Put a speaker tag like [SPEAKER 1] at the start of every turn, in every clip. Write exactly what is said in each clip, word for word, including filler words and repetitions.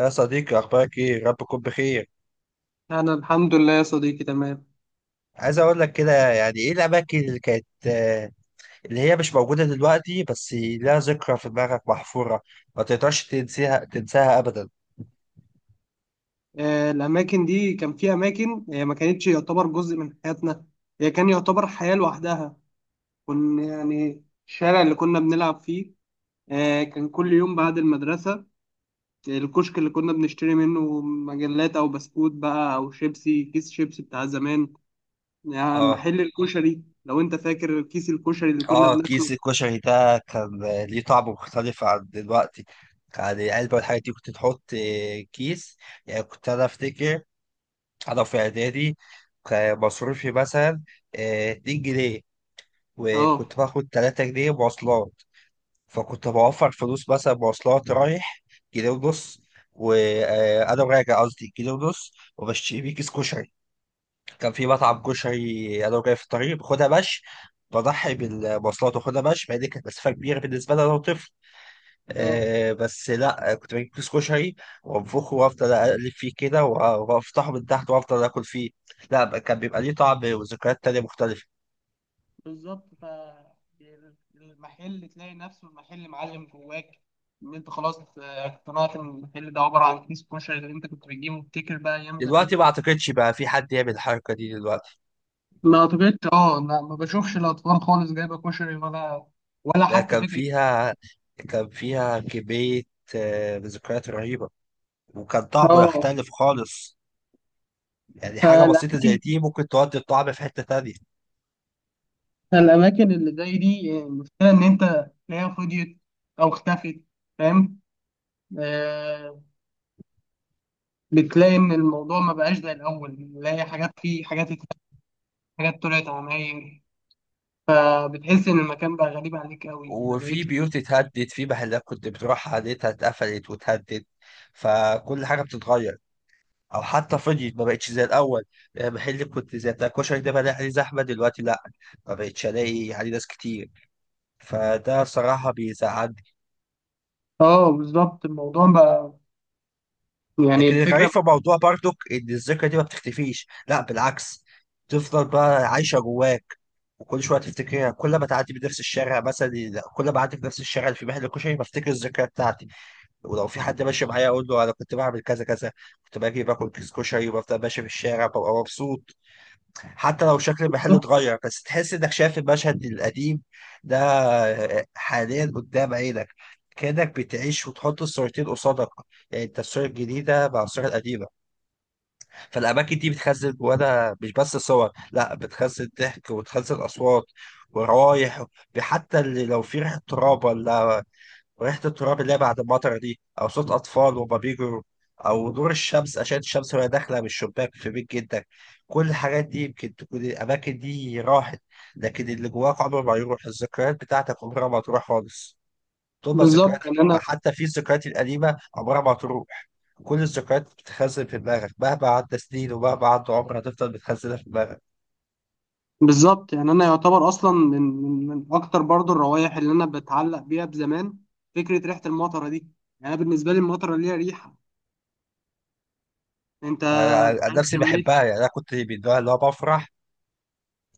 [SPEAKER 1] يا صديقي، اخبارك ايه؟ ربكم بخير؟
[SPEAKER 2] أنا الحمد لله يا صديقي تمام.
[SPEAKER 1] عايز اقول لك كده، يعني ايه الاماكن اللي كانت آه، اللي هي مش موجوده دلوقتي، بس لها ذكرى في دماغك محفوره، ما تقدرش تنسيها، تنساها ابدا.
[SPEAKER 2] آه، الأماكن دي كان في أماكن هي ما كانتش يعتبر جزء من حياتنا. هي كان يعتبر حياة لوحدها. كنا يعني الشارع اللي كنا بنلعب فيه، آه، كان كل يوم بعد المدرسة. الكشك اللي كنا بنشتري منه مجلات أو بسكوت بقى أو شيبسي كيس شيبسي بتاع زمان. يعني
[SPEAKER 1] اه،
[SPEAKER 2] محل الكشري لو أنت فاكر كيس الكشري اللي كنا
[SPEAKER 1] اه،
[SPEAKER 2] بناكله.
[SPEAKER 1] كيس الكشري ده كان آه، ليه طعم مختلف عن دلوقتي. يعني علبه والحاجات دي كنت تحط آه، كيس. يعني كنت انا افتكر. انا في اعدادي كان مصروفي مثلا آه، اتنين جنيه،
[SPEAKER 2] اه،
[SPEAKER 1] وكنت باخد تلات جنيه مواصلات. فكنت بوفر فلوس، مثلا مواصلات رايح كيلو ونص، وانا راجع قصدي كيلو ونص، وبشتري بيه كيس كشري. كان في مطعم كشري انا وجاي في الطريق باخدها مشي، بضحي بالمواصلات واخدها مشي، مع ان كانت مسافه كبيره بالنسبه لي انا وطفل.
[SPEAKER 2] اه،
[SPEAKER 1] آه بس لا، كنت بجيب كيس كشري وانفخه، وافضل اقلب فيه كده، وافتحه من تحت، وافضل اكل فيه. لا كان بيبقى ليه طعم وذكريات تانية مختلفه.
[SPEAKER 2] بالظبط. ف المحل تلاقي نفسه، المحل معلم جواك، ان انت خلاص آه، اقتنعت ان المحل ده عباره عن كيس كشري اللي انت كنت بتجيبه وبتفتكر بقى ايام زمان.
[SPEAKER 1] دلوقتي ما اعتقدش بقى في حد يعمل الحركه دي دلوقتي.
[SPEAKER 2] ما اعتقدش، اه، لا، ما بشوفش الاطفال خالص جايبه كشري، ولا ولا
[SPEAKER 1] لا،
[SPEAKER 2] حتى
[SPEAKER 1] كان
[SPEAKER 2] فكره.
[SPEAKER 1] فيها كان فيها كمية، آه، ذكريات رهيبة. وكان طعمه
[SPEAKER 2] اه،
[SPEAKER 1] يختلف خالص. يعني حاجة بسيطة زي
[SPEAKER 2] فالاماكن
[SPEAKER 1] دي ممكن تودي الطعم في حتة تانية.
[SPEAKER 2] فالاماكن اللي زي دي، آه، المشكله ان انت تلاقيها فضيت او اختفت. فاهم؟ آه بتلاقي ان الموضوع ما بقاش زي الاول، بتلاقي حاجات، فيه حاجات اتلغت، حاجات طلعت عماير، فبتحس ان المكان بقى غريب عليك قوي، ما
[SPEAKER 1] وفي
[SPEAKER 2] بقتش.
[SPEAKER 1] بيوت اتهدت، في محلات كنت بتروح عليها اتقفلت واتهدت، فكل حاجة بتتغير، أو حتى فضيت، ما بقتش زي الأول. يعني محل كنت زي بتاع الكشري ده، بلاقي عليه زحمة دلوقتي لأ، ما بقتش ألاقي عليه ناس كتير، فده صراحة بيزعل.
[SPEAKER 2] اه، بالظبط. الموضوع بقى يعني
[SPEAKER 1] لكن الغريب
[SPEAKER 2] الفكره.
[SPEAKER 1] في الموضوع برضك ان الذكرى دي ما بتختفيش، لا بالعكس، تفضل بقى عايشه جواك، وكل شويه تفتكرها. كل ما تعدي بنفس الشارع مثلا، كل ما اعدي بنفس الشارع اللي في محل كشري، بفتكر الذكرى بتاعتي، ولو في حد ماشي معايا اقول له انا كنت بعمل كذا كذا. كنت باجي باكل كيس كشري وبفضل ماشي في الشارع، ببقى مبسوط. حتى لو شكل المحل اتغير، بس تحس انك شايف المشهد القديم ده حاليا قدام عينك. كأنك بتعيش وتحط الصورتين قصادك، يعني انت الصورة الجديدة مع الصورة القديمة. فالاماكن دي بتخزن جواها مش بس صور، لا بتخزن ضحك وتخزن اصوات ورايح. حتى اللي لو في ريحه تراب، ولا ريحه التراب اللي هي بعد المطره دي، او صوت اطفال وهما بيجروا، او نور الشمس، اشعه الشمس وهي داخله من الشباك في بيت جدك. كل الحاجات دي يمكن تكون الاماكن دي راحت، لكن اللي جواك عمره ما يروح. الذكريات بتاعتك عمرها ما تروح خالص، تبقى ذكريات
[SPEAKER 2] بالظبط، ان
[SPEAKER 1] حلوة.
[SPEAKER 2] انا.
[SPEAKER 1] حتى في الذكريات القديمة عمرها ما هتروح. كل الذكريات بتتخزن في دماغك مهما عدى سنين ومهما عدى عمر، هتفضل بتخزنها في دماغك.
[SPEAKER 2] بالظبط، يعني انا يعتبر اصلا من من من اكتر برضو الروائح اللي انا بتعلق بيها بزمان، فكره ريحه المطره دي. يعني أنا بالنسبه لي المطره ليها ريحه. انت
[SPEAKER 1] أنا أنا
[SPEAKER 2] مش
[SPEAKER 1] عن
[SPEAKER 2] عارف
[SPEAKER 1] نفسي
[SPEAKER 2] شميتها.
[SPEAKER 1] بحبها. يعني أنا كنت من النوع اللي هو بفرح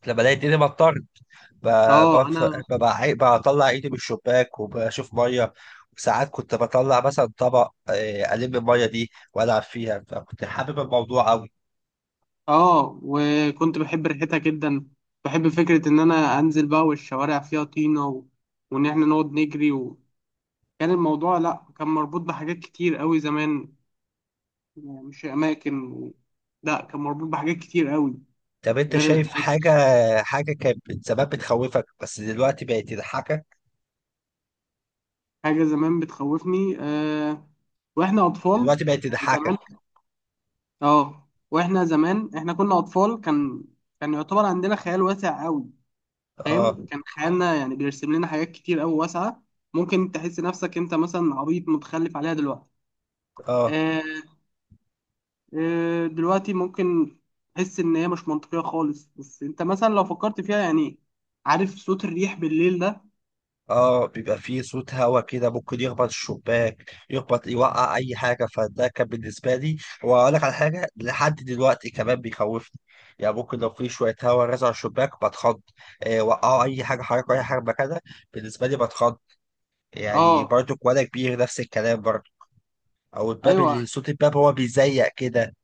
[SPEAKER 1] لما الاقي الدنيا مطرت. ب-
[SPEAKER 2] اه،
[SPEAKER 1] بف-
[SPEAKER 2] انا
[SPEAKER 1] ب- بع- بطلع ايدي من الشباك وبشوف ميه. وساعات كنت بطلع مثلا طبق آه، الم الميه دي والعب فيها، فكنت حابب الموضوع قوي.
[SPEAKER 2] اه وكنت بحب ريحتها جدا، بحب فكره ان انا انزل بقى والشوارع فيها طينه و... وان احنا نقعد نجري و... كان الموضوع لا، كان مربوط بحاجات كتير قوي زمان. يعني مش اماكن و... لا، كان مربوط بحاجات كتير قوي
[SPEAKER 1] طب انت
[SPEAKER 2] غير
[SPEAKER 1] شايف
[SPEAKER 2] الاماكن.
[SPEAKER 1] حاجه، حاجه كانت زمان بتخوفك بس دلوقتي بقت تضحكك
[SPEAKER 2] حاجه زمان بتخوفني آه... واحنا اطفال.
[SPEAKER 1] ودلوقتي بقت
[SPEAKER 2] يعني
[SPEAKER 1] تضحك؟
[SPEAKER 2] زمان، اه، واحنا زمان احنا كنا اطفال، كان كان يعتبر عندنا خيال واسع قوي.
[SPEAKER 1] اه،
[SPEAKER 2] فاهم؟ كان خيالنا يعني بيرسم لنا حاجات كتير قوي واسعه. ممكن تحس نفسك انت مثلا عبيط متخلف عليها دلوقتي.
[SPEAKER 1] اه،
[SPEAKER 2] آه... آه... دلوقتي ممكن تحس ان هي مش منطقيه خالص، بس انت مثلا لو فكرت فيها يعني. عارف صوت الريح بالليل ده؟
[SPEAKER 1] اه، بيبقى فيه صوت هوا كده ممكن يخبط الشباك، يخبط، يوقع اي حاجه، فده كان بالنسبه لي. واقول لك على حاجه لحد دلوقتي كمان بيخوفني. يعني ممكن لو في شويه هوا رزع على الشباك بتخض. آه، وقعوا اي حاجه، حركوا اي حاجه مكانها، بالنسبه لي بتخض.
[SPEAKER 2] اه،
[SPEAKER 1] يعني برضو وانا كبير نفس الكلام برضو. او الباب،
[SPEAKER 2] ايوه،
[SPEAKER 1] اللي صوت الباب هو بيزيق كده،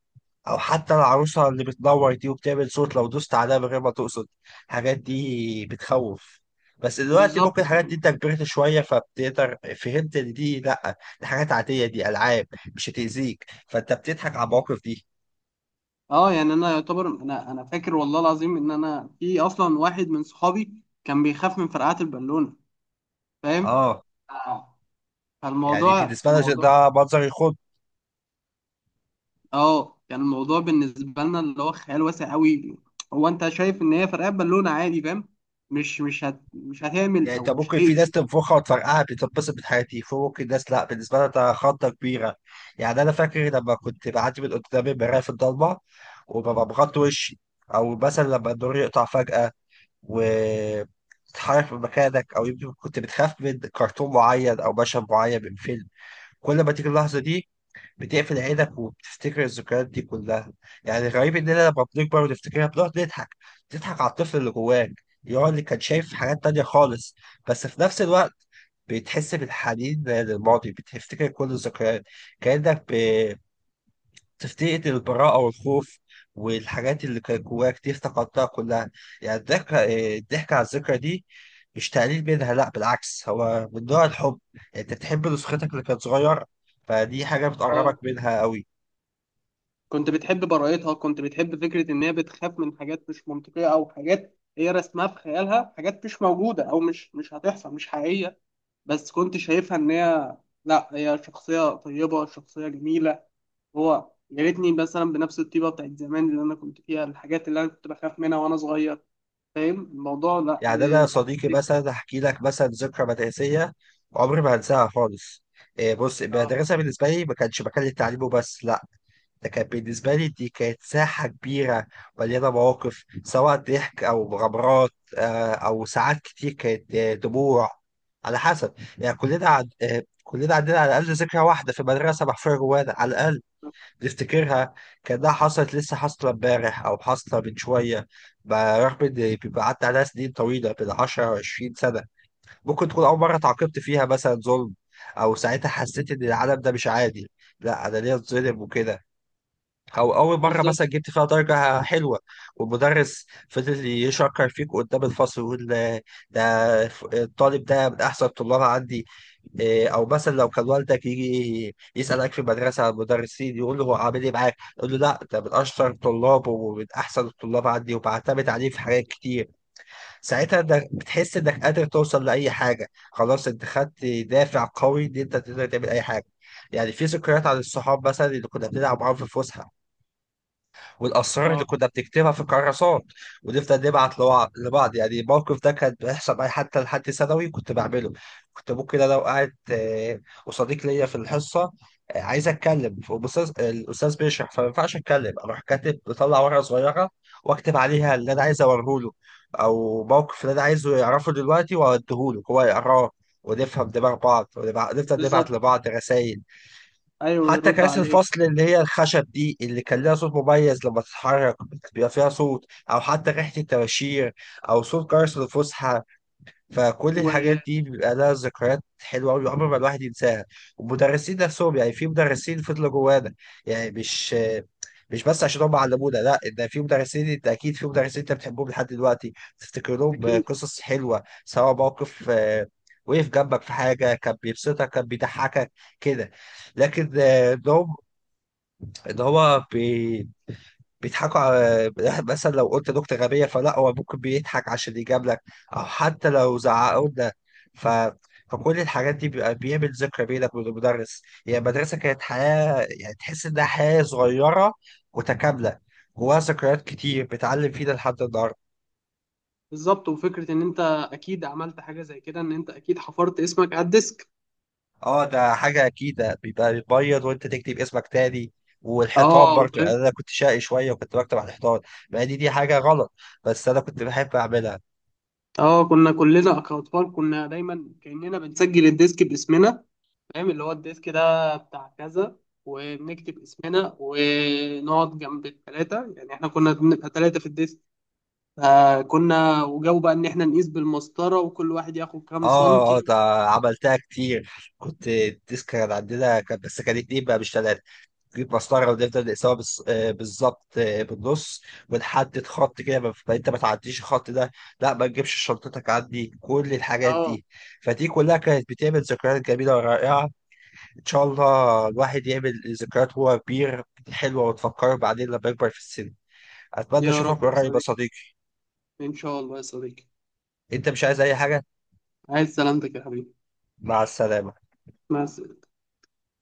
[SPEAKER 1] او حتى العروسه اللي بتنور دي وبتعمل صوت لو دوست عليها من غير ما تقصد. الحاجات دي بتخوف. بس دلوقتي
[SPEAKER 2] بالظبط.
[SPEAKER 1] ممكن الحاجات دي انت كبرت شويه فبتقدر فهمت ان دي، لا دي حاجات عاديه، دي العاب مش هتاذيك، فانت بتضحك على المواقف دي.
[SPEAKER 2] اه، يعني انا يعتبر انا انا فاكر والله العظيم ان انا في اصلا واحد من صحابي كان بيخاف من فرقعات البالونه. فاهم؟
[SPEAKER 1] اه،
[SPEAKER 2] آه.
[SPEAKER 1] يعني
[SPEAKER 2] فالموضوع
[SPEAKER 1] بالنسبه لنا
[SPEAKER 2] الموضوع
[SPEAKER 1] ده منظر يخض.
[SPEAKER 2] اه، يعني الموضوع بالنسبه لنا اللي هو خيال واسع قوي. هو انت شايف ان هي فرقعات بالونه عادي. فاهم؟ مش مش هت مش هتعمل،
[SPEAKER 1] يعني انت
[SPEAKER 2] او مش
[SPEAKER 1] ممكن في ناس
[SPEAKER 2] هتأذي.
[SPEAKER 1] تنفخها وتفرقعها بتتبسط من حياتي، في ممكن ناس لا بالنسبه لها ده خضه كبيره. يعني انا فاكر لما كنت بعدي من قدام المرايه في الضلمه وببقى مغطي وشي، او مثلا لما النور يقطع فجاه وتتحرك من مكانك، او يمكن كنت بتخاف من كرتون معين او مشهد معين من فيلم. كل ما تيجي اللحظه دي بتقفل عينك وبتفتكر الذكريات دي كلها. يعني الغريب اننا لما بنكبر ونفتكرها بنقعد نضحك. تضحك على الطفل اللي جواك، يقعد اللي كان شايف حاجات تانية خالص. بس في نفس الوقت بتحس بالحنين للماضي، بتفتكر كل الذكريات، كأنك بتفتقد البراءة والخوف، والحاجات اللي كانت جواك دي افتقدتها كلها. يعني الضحك، الضحك على الذكرى دي مش تقليل منها، لا بالعكس، هو من نوع الحب. يعني انت بتحب نسختك اللي كانت صغيرة، فدي حاجة
[SPEAKER 2] اه،
[SPEAKER 1] بتقربك منها قوي.
[SPEAKER 2] كنت بتحب براءتها، كنت بتحب فكره ان هي بتخاف من حاجات مش منطقيه، او حاجات هي رسمها في خيالها، حاجات مش موجوده او مش مش هتحصل، مش حقيقيه. بس كنت شايفها ان هي، لا، هي شخصية طيبة، شخصية جميلة. هو يا ريتني مثلا بنفس الطيبة بتاعت زمان اللي انا كنت فيها، الحاجات اللي انا كنت بخاف منها وانا صغير. فاهم الموضوع؟ لا.
[SPEAKER 1] يعني انا
[SPEAKER 2] ب...
[SPEAKER 1] صديقي مثلا هحكي لك مثلا ذكرى مدرسيه عمري ما هنساها خالص. إيه، بص،
[SPEAKER 2] آه،
[SPEAKER 1] المدرسه بالنسبه لي ما كانش مكان للتعليم وبس، لا ده كان بالنسبه لي، دي كانت ساحه كبيره مليانه مواقف، سواء ضحك او مغامرات، آه، او ساعات كتير كانت آه، دموع. على حسب، يعني كلنا عند آه، كلنا عندنا على الاقل ذكرى واحده في المدرسه محفوره جوانا على الاقل، تفتكرها كأنها حصلت لسه، حاصلة امبارح أو حاصلة من شوية، برغم إن بيبقى عدى عليها سنين طويلة بين عشرة و عشرين سنة. ممكن تكون أول مرة تعاقبت فيها، مثلا ظلم، أو ساعتها حسيت إن العالم ده مش عادي، لا أنا ليه اتظلم وكده. او اول مره
[SPEAKER 2] بالظبط.
[SPEAKER 1] مثلا جبت فيها درجه حلوه، والمدرس فضل يشكر فيك قدام الفصل ويقول: ده ده ف- الطالب ده من احسن الطلاب عندي. إيه، او مثلا لو كان والدك يجي يسالك في المدرسه على المدرسين يقول له هو عامل ايه معاك، يقول له لا، ده من اشطر الطلاب ومن احسن الطلاب عندي، وبعتمد عليه في حاجات كتير. ساعتها انك بتحس انك قادر توصل لاي حاجه، خلاص انت خدت دافع قوي ان انت تقدر تعمل اي حاجه. يعني في ذكريات عن الصحاب مثلا اللي كنا بنلعب معاهم في الفسحه، والاسرار
[SPEAKER 2] اه،
[SPEAKER 1] اللي كنا بنكتبها في الكراسات ونفضل نبعت لوع- لبعض. يعني الموقف ده كان بيحصل معايا حتى لحد ثانوي كنت بعمله. كنت ممكن انا وقعت آه، وصديق ليا في الحصه، آه، عايز اتكلم والاستاذ الاستاذ بيشرح، فما ينفعش اتكلم، اروح كاتب، بطلع ورقه صغيره واكتب عليها اللي انا عايز اوريه له، او موقف اللي انا عايزه يعرفه دلوقتي، واديهوله هو يقراه ونفهم دماغ بعض، ونبع- نفضل نبعت
[SPEAKER 2] بالظبط،
[SPEAKER 1] لبعض رسائل.
[SPEAKER 2] ايوه،
[SPEAKER 1] حتى
[SPEAKER 2] يرد
[SPEAKER 1] كراسي
[SPEAKER 2] عليك.
[SPEAKER 1] الفصل اللي هي الخشب دي اللي كان لها صوت مميز لما تتحرك، بيبقى فيها صوت، او حتى ريحة الطباشير، او صوت جرس الفسحة. فكل الحاجات
[SPEAKER 2] واكيد.
[SPEAKER 1] دي بيبقى لها ذكريات حلوة أوي عمر ما الواحد ينساها. والمدرسين نفسهم، يعني في مدرسين فضلوا جوانا. يعني مش مش بس عشان هم علمونا، لا ده في مدرسين، انت اكيد في مدرسين انت بتحبهم لحد دلوقتي، تفتكر لهم قصص حلوة، سواء موقف آه، وقف جنبك في حاجة كان بيبسطك، كان بيضحكك كده. لكن آه، ده ان هو بي... بيضحكوا على، مثلا لو قلت نكتة غبية فلا هو ممكن بيضحك عشان يجاب لك، او حتى لو زعقوا لنا. ف... فكل الحاجات دي بيبقى بيعمل ذكرى بينك وبين المدرس. يعني المدرسة كانت حياة، يعني تحس انها حياة صغيرة متكاملة، جواها ذكريات كتير بتعلم فينا لحد النهاردة.
[SPEAKER 2] بالظبط، وفكرة ان انت اكيد عملت حاجة زي كده، ان انت اكيد حفرت اسمك على الديسك.
[SPEAKER 1] اه، ده حاجة أكيد، ده بيبقى بيبيض وأنت تكتب اسمك تاني. والحيطان
[SPEAKER 2] اه،
[SPEAKER 1] برضه، يعني
[SPEAKER 2] فاهم.
[SPEAKER 1] أنا كنت شقي شوية وكنت بكتب على الحيطان، مع إن دي حاجة غلط بس أنا كنت بحب أعملها.
[SPEAKER 2] اه، كنا كلنا كأطفال كنا دايما كأننا بنسجل الديسك باسمنا. فاهم، اللي هو الديسك ده بتاع كذا، وبنكتب اسمنا ونقعد جنب الثلاثة. يعني احنا كنا بنبقى ثلاثة في الديسك، فكنا وجاوا بقى ان احنا نقيس بالمسطرة وكل واحد ياخد كام
[SPEAKER 1] اه، اه،
[SPEAKER 2] سنتي.
[SPEAKER 1] ده عملتها كتير. كنت الديسك كانت عندنا، كان بس كان اتنين بقى مش تلاته. نجيب مسطره ونفضل نقسمها بالص- آه، بالظبط، آه، بالنص، ونحدد خط كده، ما- ما انت ما تعديش الخط ده، لا ما تجيبش شنطتك عندي. كل الحاجات
[SPEAKER 2] اه.
[SPEAKER 1] دي فدي كلها كانت بتعمل ذكريات جميله ورائعه. ان شاء الله الواحد يعمل ذكريات وهو كبير، حلوه وتفكره بعدين لما يكبر في السن. اتمنى
[SPEAKER 2] يا
[SPEAKER 1] اشوفك
[SPEAKER 2] رب يا
[SPEAKER 1] قريب يا
[SPEAKER 2] صديقي،
[SPEAKER 1] صديقي.
[SPEAKER 2] ان شاء الله يا صديقي.
[SPEAKER 1] انت مش عايز اي حاجه؟
[SPEAKER 2] عايز سلامتك يا حبيبي.
[SPEAKER 1] مع السلامه.
[SPEAKER 2] مع السلامة.